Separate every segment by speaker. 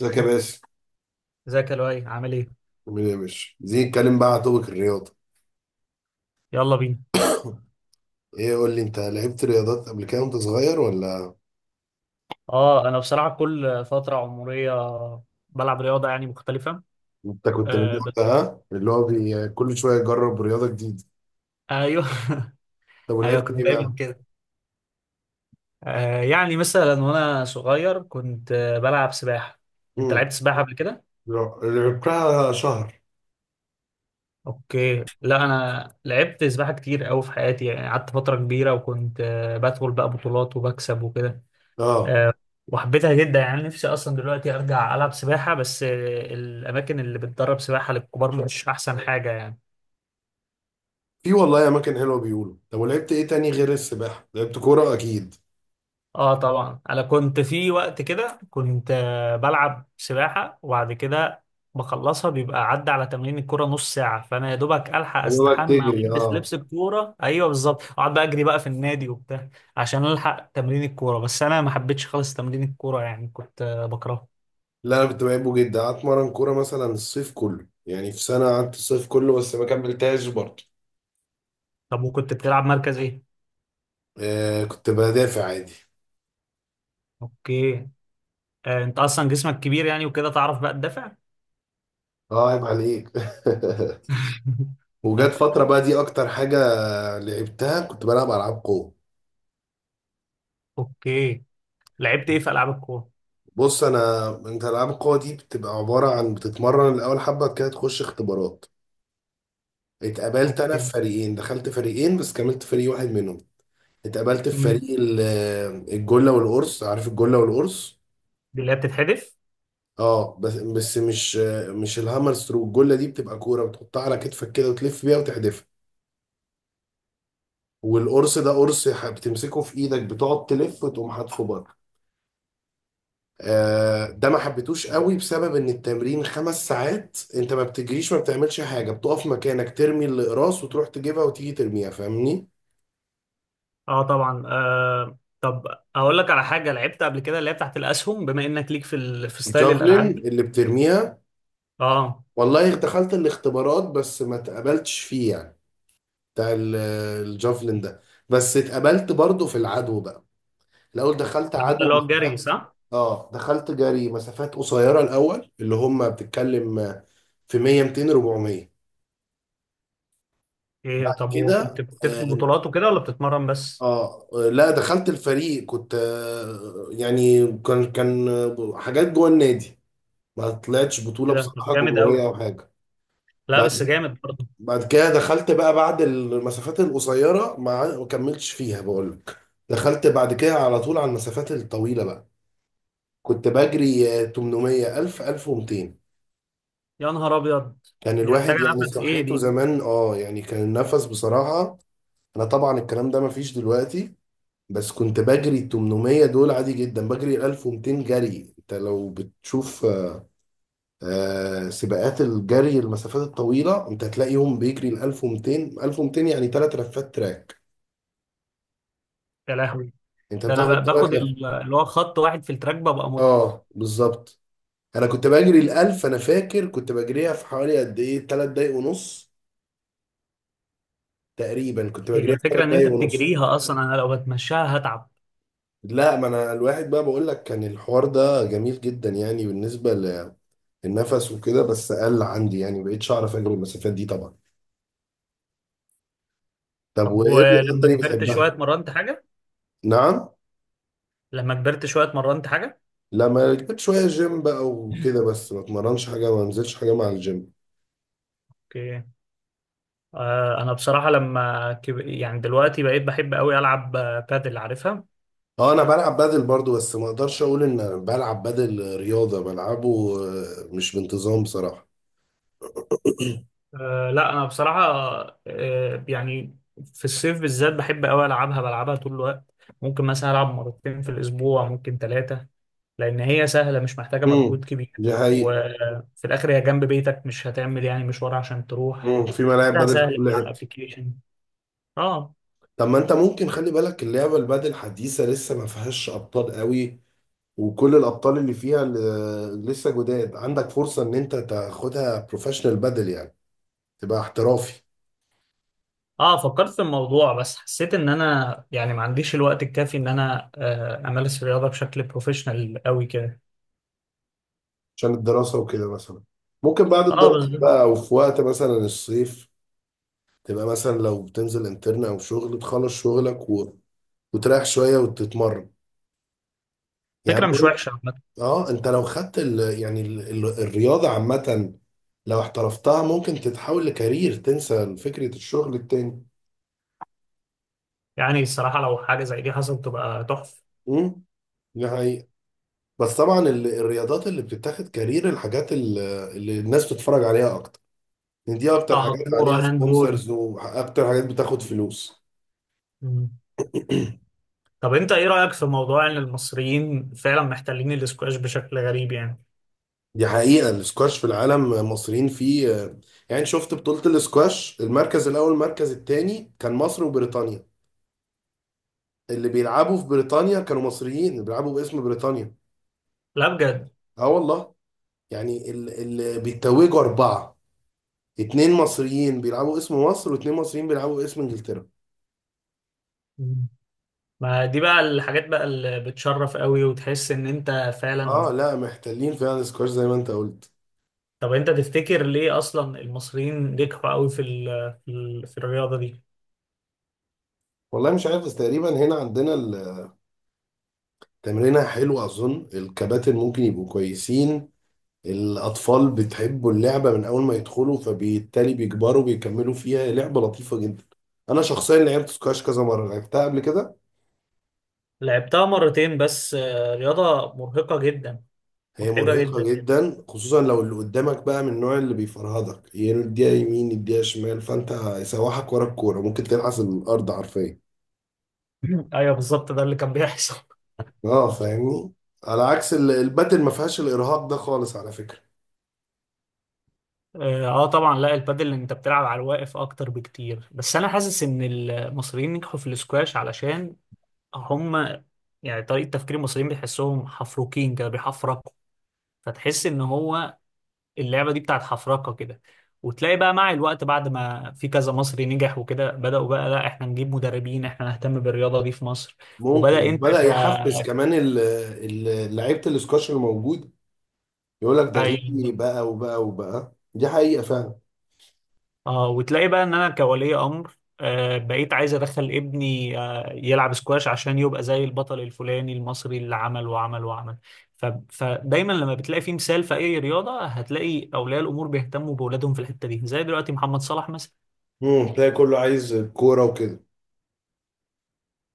Speaker 1: ازيك يا باشا.
Speaker 2: ازيك يا لؤي، عامل ايه؟
Speaker 1: عامل ايه يا باشا، عايزين نتكلم بقى على توبك الرياضه.
Speaker 2: يلا بينا.
Speaker 1: ايه، قول لي، انت لعبت رياضات قبل كده وانت صغير ولا
Speaker 2: اه، انا بصراحة كل فترة عمرية بلعب رياضة يعني مختلفة.
Speaker 1: انت كنت من
Speaker 2: آه
Speaker 1: النوع ده؟
Speaker 2: بس
Speaker 1: ها؟ اللي هو كل شويه يجرب رياضه جديده.
Speaker 2: ايوه
Speaker 1: طب
Speaker 2: ايوه،
Speaker 1: ولعبت
Speaker 2: كنت
Speaker 1: ايه بقى؟
Speaker 2: دايما كده. آه يعني مثلا وانا صغير كنت بلعب سباحة. انت
Speaker 1: امم
Speaker 2: لعبت سباحة قبل كده؟
Speaker 1: لا، لعبتها شهر.
Speaker 2: اوكي. لا انا لعبت سباحة كتير قوي في حياتي، يعني قعدت فترة كبيرة وكنت بدخل بقى بطولات وبكسب وكده.
Speaker 1: اه
Speaker 2: آه، وحبيتها جدا، يعني نفسي اصلا دلوقتي ارجع العب سباحة، بس آه الاماكن اللي بتدرب سباحة للكبار مش احسن حاجة يعني.
Speaker 1: في والله اماكن حلوه بيقولوا. طب ولعبت ايه تاني غير السباحه؟ لعبت كوره اكيد.
Speaker 2: اه طبعا، انا كنت في وقت كده كنت بلعب سباحه، وبعد كده بخلصها بيبقى عدى على تمرين الكوره نص ساعه، فانا يا دوبك الحق
Speaker 1: هو بقى
Speaker 2: استحمى
Speaker 1: تجري
Speaker 2: والبس
Speaker 1: اه؟
Speaker 2: لبس الكوره، ايوه بالظبط، اقعد بقى اجري بقى في النادي وبتاع عشان الحق تمرين الكوره. بس انا ما حبيتش خالص تمرين الكوره، يعني كنت بكرهه.
Speaker 1: لا انا كنت بحبه جدا، قعدت اتمرن كوره مثلا الصيف كله، يعني في سنه قعدت الصيف كله بس ما كملتهاش برضه.
Speaker 2: طب وكنت بتلعب مركز ايه؟
Speaker 1: كنت بدافع عادي.
Speaker 2: اوكي. آه انت اصلا جسمك كبير يعني وكده، تعرف بقى تدافع.
Speaker 1: اه عيب عليك. وجت فترة بقى دي أكتر حاجة لعبتها، كنت بلعب ألعاب قوة.
Speaker 2: اوكي. لعبت ايه في العاب الكوره؟
Speaker 1: بص أنا، أنت ألعاب القوة دي بتبقى عبارة عن بتتمرن الأول حبة كده، تخش اختبارات. اتقبلت أنا في
Speaker 2: اوكي.
Speaker 1: فريقين، دخلت فريقين بس كملت فريق واحد منهم. اتقبلت في
Speaker 2: مم.
Speaker 1: فريق الجلة والقرص، عارف الجلة والقرص؟
Speaker 2: دي اللي هي بتتحدف؟
Speaker 1: اه بس مش الهامر ثرو. الجلة دي بتبقى كورة بتحطها على كتفك كده وتلف بيها وتحدفها، والقرص ده قرص بتمسكه في ايدك، بتقعد تلف وتقوم حاطه بره. ده ما حبيتوش قوي بسبب ان التمرين خمس ساعات، انت ما بتجريش، ما بتعملش حاجه، بتقف مكانك ترمي الاقراص وتروح تجيبها وتيجي ترميها، فاهمني.
Speaker 2: اه طبعا. آه طب، اقول لك على حاجه لعبت قبل كده اللي هي بتاعت الاسهم، بما انك ليك في ستايل
Speaker 1: الجافلين
Speaker 2: الالعاب دي.
Speaker 1: اللي بترميها،
Speaker 2: اه
Speaker 1: والله دخلت الاختبارات بس ما اتقبلتش فيه، يعني بتاع ال- الجافلين ده. بس اتقبلت برضه في العدو بقى. الاول دخلت
Speaker 2: ده
Speaker 1: عدو
Speaker 2: اللي هو الجري
Speaker 1: مسافات.
Speaker 2: صح؟
Speaker 1: اه دخلت جري مسافات قصيره الاول، اللي هم بتتكلم في 100 200 400.
Speaker 2: ايه
Speaker 1: بعد
Speaker 2: طب، وكنت
Speaker 1: كده
Speaker 2: بتدخل بطولات وكده ولا بتتمرن بس؟
Speaker 1: اه لا، دخلت الفريق، كنت يعني كان حاجات جوه النادي، ما طلعتش
Speaker 2: ايه
Speaker 1: بطولة
Speaker 2: ده، طب
Speaker 1: بصراحة
Speaker 2: جامد
Speaker 1: جمهورية
Speaker 2: قوي.
Speaker 1: او حاجة.
Speaker 2: لا
Speaker 1: بعد
Speaker 2: بس
Speaker 1: كده،
Speaker 2: جامد برضه.
Speaker 1: بعد كده دخلت بقى، بعد المسافات القصيرة ما كملتش فيها بقول لك، دخلت بعد كده على طول على المسافات الطويلة بقى. كنت بجري 800 1000 1200.
Speaker 2: يا نهار ابيض.
Speaker 1: كان
Speaker 2: دي محتاجه
Speaker 1: الواحد يعني
Speaker 2: نفس، ايه
Speaker 1: صحته
Speaker 2: دي؟
Speaker 1: زمان اه، يعني كان النفس بصراحة. انا طبعا الكلام ده ما فيش دلوقتي، بس كنت بجري ال 800 دول عادي جدا، بجري 1200 جري. انت لو بتشوف سباقات الجري المسافات الطويله، انت هتلاقيهم بيجري ال 1200 يعني ثلاث لفات تراك،
Speaker 2: يا لهوي.
Speaker 1: انت
Speaker 2: ده انا
Speaker 1: بتاخد ثلاث
Speaker 2: باخد
Speaker 1: لفات.
Speaker 2: اللي هو خط واحد في التراك، ببقى
Speaker 1: اه بالظبط. انا كنت بجري ال 1000، انا فاكر كنت بجريها في حوالي قد ايه، ثلاث دقايق ونص، تقريبا كنت
Speaker 2: هي
Speaker 1: بجريها في ثلاث
Speaker 2: الفكره ان انت
Speaker 1: دقايق ونص.
Speaker 2: بتجريها اصلا، انا لو بتمشاها هتعب.
Speaker 1: لا، ما انا الواحد بقى بقول لك، كان الحوار ده جميل جدا يعني بالنسبه للنفس وكده، بس قل عندي يعني، مبقتش اعرف اجري المسافات دي طبعا. طب
Speaker 2: طب
Speaker 1: وايه الرياضات
Speaker 2: ولما
Speaker 1: تاني
Speaker 2: كبرت شويه
Speaker 1: بتحبها؟
Speaker 2: اتمرنت حاجه؟
Speaker 1: نعم؟
Speaker 2: لما كبرت شويه اتمرنت حاجه؟
Speaker 1: لا ما كنت شوية جيم بقى وكده، بس ما اتمرنش حاجة، ما انزلش حاجة مع الجيم.
Speaker 2: اوكي. انا بصراحه يعني دلوقتي بقيت بحب قوي العب بادل، عارفها؟
Speaker 1: اه انا بلعب بادل برضو، بس ما اقدرش اقول ان أنا بلعب بادل رياضة، بلعبه مش بانتظام بصراحة.
Speaker 2: أه لا انا بصراحه، أه يعني في الصيف بالذات بحب قوي العبها، بلعبها طول الوقت. ممكن مثلا العب مرتين في الاسبوع، ممكن ثلاثه. لان هي سهله، مش محتاجه
Speaker 1: امم،
Speaker 2: مجهود
Speaker 1: دي
Speaker 2: كبير،
Speaker 1: حقيقة.
Speaker 2: وفي الاخر هي جنب بيتك، مش هتعمل يعني مشوار عشان تروح.
Speaker 1: امم، في ملاعب
Speaker 2: لا
Speaker 1: بادل في
Speaker 2: سهل
Speaker 1: كل
Speaker 2: على
Speaker 1: حتة.
Speaker 2: الابلكيشن. اه.
Speaker 1: طب ما انت ممكن خلي بالك، اللعبة البادل حديثة لسه ما فيهاش ابطال قوي، وكل الابطال اللي فيها لسه جداد، عندك فرصة ان انت تاخدها بروفيشنال بادل، يعني تبقى احترافي.
Speaker 2: اه فكرت في الموضوع، بس حسيت ان انا يعني ما عنديش الوقت الكافي ان انا امارس الرياضه بشكل بروفيشنال قوي كده.
Speaker 1: عشان الدراسة وكده مثلا. ممكن بعد
Speaker 2: اه بس.
Speaker 1: الدراسة بقى، أو في وقت مثلا الصيف، تبقى مثلا لو بتنزل انترن أو شغل، تخلص شغلك وتريح شوية وتتمرن. يعني
Speaker 2: فكره
Speaker 1: بقول
Speaker 2: مش
Speaker 1: لك،
Speaker 2: وحشه عامه.
Speaker 1: اه انت لو خدت ال... يعني ال... ال... الرياضة عامة، لو احترفتها ممكن تتحول لكارير، تنسى فكرة الشغل التاني.
Speaker 2: يعني الصراحه لو حاجه زي دي حصلت تبقى تحفه.
Speaker 1: امم، دي حقيقة. بس طبعا الرياضات اللي بتتاخد كارير، اللي الناس بتتفرج عليها أكتر، يعني دي أكتر
Speaker 2: اه،
Speaker 1: حاجات
Speaker 2: كوره
Speaker 1: عليها
Speaker 2: هاندبول.
Speaker 1: سبونسرز وأكتر حاجات بتاخد فلوس.
Speaker 2: مم. طب انت ايه رايك في موضوع ان المصريين فعلا محتلين الاسكواش بشكل غريب يعني؟
Speaker 1: دي حقيقة، الاسكواش في العالم مصريين فيه. يعني شفت بطولة الاسكواش، المركز الأول المركز التاني كان مصر وبريطانيا. اللي بيلعبوا في بريطانيا كانوا مصريين، اللي بيلعبوا باسم بريطانيا.
Speaker 2: لا بجد؟
Speaker 1: اه والله. يعني اللي بيتوجوا أربعة، اتنين مصريين بيلعبوا اسم مصر واتنين مصريين بيلعبوا اسم إنجلترا.
Speaker 2: مم. ما دي بقى الحاجات بقى اللي بتشرف قوي وتحس ان انت
Speaker 1: اه
Speaker 2: فعلا.
Speaker 1: لا محتلين فعلا الاسكواش زي ما انت قلت.
Speaker 2: طب انت تفتكر ليه اصلا المصريين نجحوا قوي في الرياضه دي؟
Speaker 1: والله مش عارف، بس تقريبا هنا عندنا التمرينة حلوة، أظن الكباتن ممكن يبقوا كويسين. الأطفال بتحبوا اللعبة من أول ما يدخلوا، فبالتالي بيكبروا بيكملوا فيها. لعبة لطيفة جدا، أنا شخصيا لعبت سكواش كذا مرة، لعبتها قبل كده.
Speaker 2: لعبتها مرتين بس، آه رياضة مرهقة جدا،
Speaker 1: هي
Speaker 2: متعبة
Speaker 1: مرهقة
Speaker 2: جدا يعني.
Speaker 1: جدا خصوصا لو اللي قدامك بقى من النوع اللي بيفرهدك، يديها يمين يديها شمال، فأنت يسوحك ورا الكورة، ممكن تلحس الأرض حرفيا.
Speaker 2: ايوه بالظبط، ده اللي كان بيحصل.
Speaker 1: اه فاهمني. على عكس الباتل ما فيهاش الإرهاق ده خالص على فكرة.
Speaker 2: اه، طبعا. لا البادل انت بتلعب على الواقف اكتر بكتير. بس انا حاسس ان المصريين نجحوا في الاسكواش علشان هم، يعني طريقة تفكير المصريين بيحسهم حفروكين كده، بيحفركوا. فتحس ان هو اللعبة دي بتاعت حفركة كده. وتلاقي بقى مع الوقت بعد ما في كذا مصري نجح وكده، بدأوا بقى، لا احنا نجيب مدربين، احنا نهتم بالرياضة دي في مصر.
Speaker 1: ممكن
Speaker 2: وبدأ انت
Speaker 1: بدأ
Speaker 2: ك
Speaker 1: يحفز كمان لعيبة السكواش الموجود، يقول لك ده غني
Speaker 2: أيوة.
Speaker 1: بقى وبقى. دي حقيقة فعلا.
Speaker 2: اه وتلاقي بقى ان انا كولي امر آه بقيت عايز ادخل ابني آه يلعب سكواش عشان يبقى زي البطل الفلاني المصري اللي عمل وعمل وعمل. فدايما لما بتلاقي في مثال في اي رياضه هتلاقي اولياء الامور بيهتموا باولادهم في الحته دي، زي دلوقتي محمد صلاح مثلا.
Speaker 1: امم، تلاقي كله عايز كورة وكده.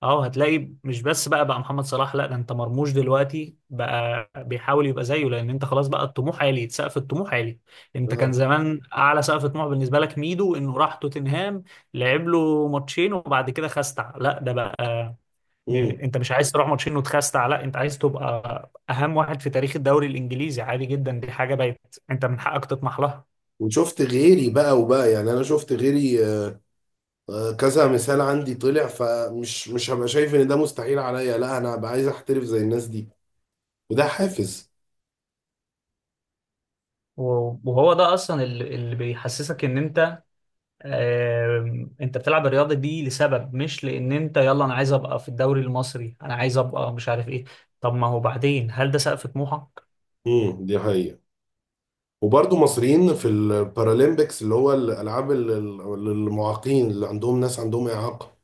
Speaker 2: اه هتلاقي مش بس بقى محمد صلاح، لا ده انت مرموش دلوقتي بقى بيحاول يبقى زيه، لان انت خلاص بقى الطموح عالي، سقف الطموح عالي. انت كان
Speaker 1: اه.
Speaker 2: زمان اعلى سقف طموح بالنسبه لك ميدو انه راح توتنهام، لعب له ماتشين وبعد كده خستع، لا ده بقى
Speaker 1: امم.
Speaker 2: انت مش عايز تروح ماتشين وتخستع، لا انت عايز تبقى اهم واحد في تاريخ الدوري الانجليزي. عادي جدا، دي حاجه بقت انت من حقك تطمح لها.
Speaker 1: وشفت غيري بقى وبقى، يعني انا شفت غيري كذا مثال عندي طلع، فمش مش هبقى شايف ان ده مستحيل عليا، لا انا هبقى عايز احترف زي الناس دي، وده حافز.
Speaker 2: وهو ده اصلا اللي بيحسسك ان انت انت بتلعب الرياضه دي لسبب، مش لان انت يلا انا عايز ابقى في الدوري المصري، انا عايز ابقى مش عارف ايه. طب ما هو بعدين هل ده سقف طموحك؟
Speaker 1: امم، دي حقيقة. وبرضه مصريين في البارالمبيكس، اللي هو الالعاب للمعاقين، اللي عندهم ناس عندهم اعاقة.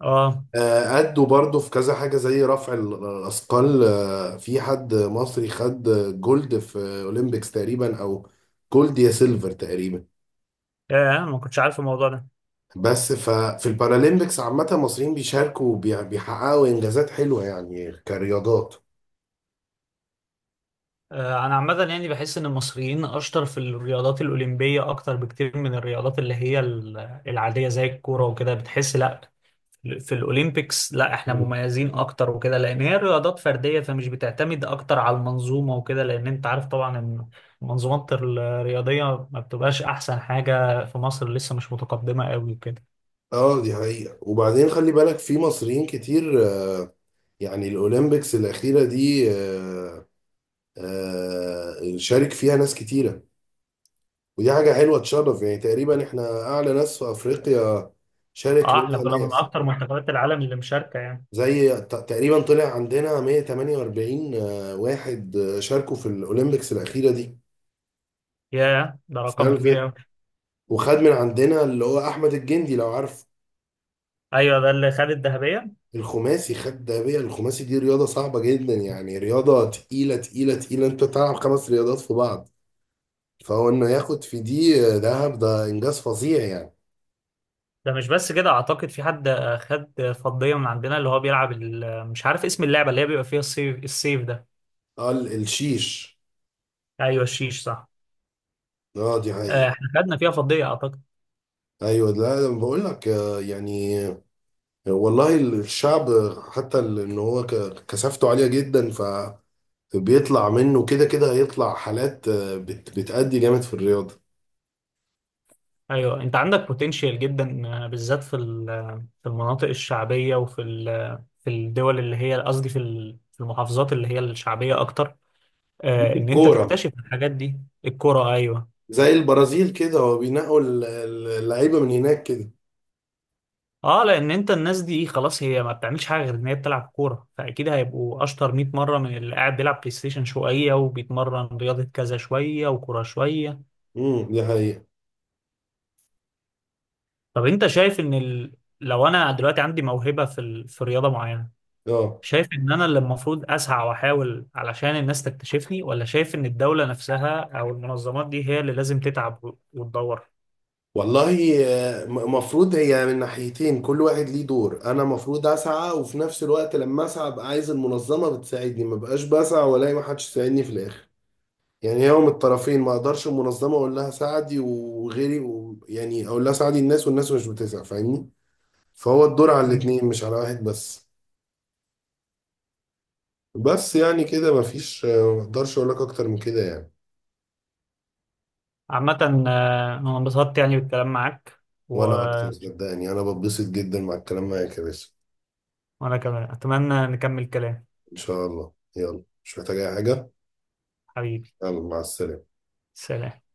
Speaker 2: اه.
Speaker 1: أدوا برضه في كذا حاجة زي رفع الأثقال، في حد مصري خد جولد في أولمبيكس تقريبا، أو جولد يا سيلفر تقريبا.
Speaker 2: يا انا ما كنتش عارف الموضوع ده.
Speaker 1: بس ففي البارالمبيكس عامة المصريين بيشاركوا بيحققوا إنجازات حلوة يعني كرياضات.
Speaker 2: انا عامه يعني بحس ان المصريين اشطر في الرياضات الاولمبيه اكتر بكتير من الرياضات اللي هي العاديه زي الكوره وكده. بتحس لا في الاولمبيكس لا احنا
Speaker 1: مم.
Speaker 2: مميزين اكتر وكده، لان هي رياضات فرديه، فمش بتعتمد اكتر على المنظومه وكده، لان انت عارف طبعا ان المنظومات الرياضيه ما بتبقاش احسن حاجه في مصر، لسه مش متقدمه قوي وكده.
Speaker 1: اه دي حقيقة، وبعدين خلي بالك في مصريين كتير، يعني الأولمبيكس الأخيرة دي شارك فيها ناس كتيرة، ودي حاجة حلوة تشرف. يعني تقريبا احنا أعلى ناس في أفريقيا شارك
Speaker 2: اه، احنا
Speaker 1: منها
Speaker 2: كنا من
Speaker 1: ناس،
Speaker 2: اكتر منتخبات العالم اللي مشاركه يعني.
Speaker 1: زي تقريبا طلع عندنا 148 واحد شاركوا في الأولمبيكس الأخيرة دي،
Speaker 2: ياه، ده
Speaker 1: السنة
Speaker 2: رقم
Speaker 1: اللي
Speaker 2: كبير
Speaker 1: فاتت.
Speaker 2: قوي.
Speaker 1: وخد من عندنا اللي هو أحمد الجندي لو عارف،
Speaker 2: ايوه ده اللي خد الذهبيه.
Speaker 1: الخماسي، خد دهبية الخماسي، دي رياضة صعبة جدا، يعني رياضة تقيلة تقيلة تقيلة، أنت بتلعب خمس رياضات في بعض، فهو إنه ياخد في دي ذهب ده إنجاز فظيع يعني.
Speaker 2: ده مش بس كده، اعتقد في حد خد فضيه من عندنا، اللي هو بيلعب مش عارف اسم اللعبه اللي هي بيبقى فيها السيف، السيف ده.
Speaker 1: قال الشيش.
Speaker 2: ايوه الشيش صح.
Speaker 1: اه دي حقيقة.
Speaker 2: احنا خدنا فيها فضيه اعتقد.
Speaker 1: ايوه لا انا بقول لك يعني والله الشعب، حتى ان هو كثافته عاليه جدا، فبيطلع منه كده كده، هيطلع حالات بتأدي جامد في الرياضه.
Speaker 2: ايوه انت عندك بوتنشال جدا، بالذات في المناطق الشعبيه وفي ال- آه، في الدول اللي هي قصدي في المحافظات اللي هي الشعبيه اكتر،
Speaker 1: دي في
Speaker 2: ان انت
Speaker 1: الكوره،
Speaker 2: تكتشف الحاجات دي. الكوره ايوه.
Speaker 1: زي البرازيل كده، هو بينقوا اللعيبه من هناك كده.
Speaker 2: اه لان انت الناس دي خلاص هي ما بتعملش حاجه غير ان هي بتلعب كوره، فاكيد هيبقوا اشطر 100 مره من اللي قاعد بيلعب بلاي ستيشن شويه، وبيتمرن رياضه كذا شويه، وكوره شويه.
Speaker 1: دي حقيقه.
Speaker 2: طب انت شايف ان لو انا دلوقتي عندي موهبه في رياضه معينه،
Speaker 1: اه
Speaker 2: شايف ان انا اللي المفروض اسعى واحاول علشان الناس تكتشفني، ولا شايف ان الدولة نفسها او المنظمات دي هي اللي لازم تتعب وتدور؟
Speaker 1: والله، مفروض هي من ناحيتين، كل واحد ليه دور، انا مفروض اسعى، وفي نفس الوقت لما اسعى ابقى عايز المنظمه بتساعدني، ما بقاش بسعى والاقي ما حدش يساعدني في الاخر. يعني يوم الطرفين، ما اقدرش المنظمه اقول لها ساعدي يعني اقول لها ساعدي الناس والناس مش بتسع، فاهمني. فهو الدور على
Speaker 2: مم.
Speaker 1: الاتنين مش على واحد بس. بس يعني كده مفيش ما اقدرش اقول لك اكتر من كده يعني.
Speaker 2: عامة، انا انبسطت يعني بالكلام معاك و...
Speaker 1: وانا اكتر، صدقني انا بتبسط جدا مع الكلام معاك يا باشا.
Speaker 2: وانا كمان اتمنى نكمل كلام.
Speaker 1: ان شاء الله، يلا مش محتاج اي حاجه.
Speaker 2: حبيبي،
Speaker 1: يلا مع السلامه.
Speaker 2: سلام.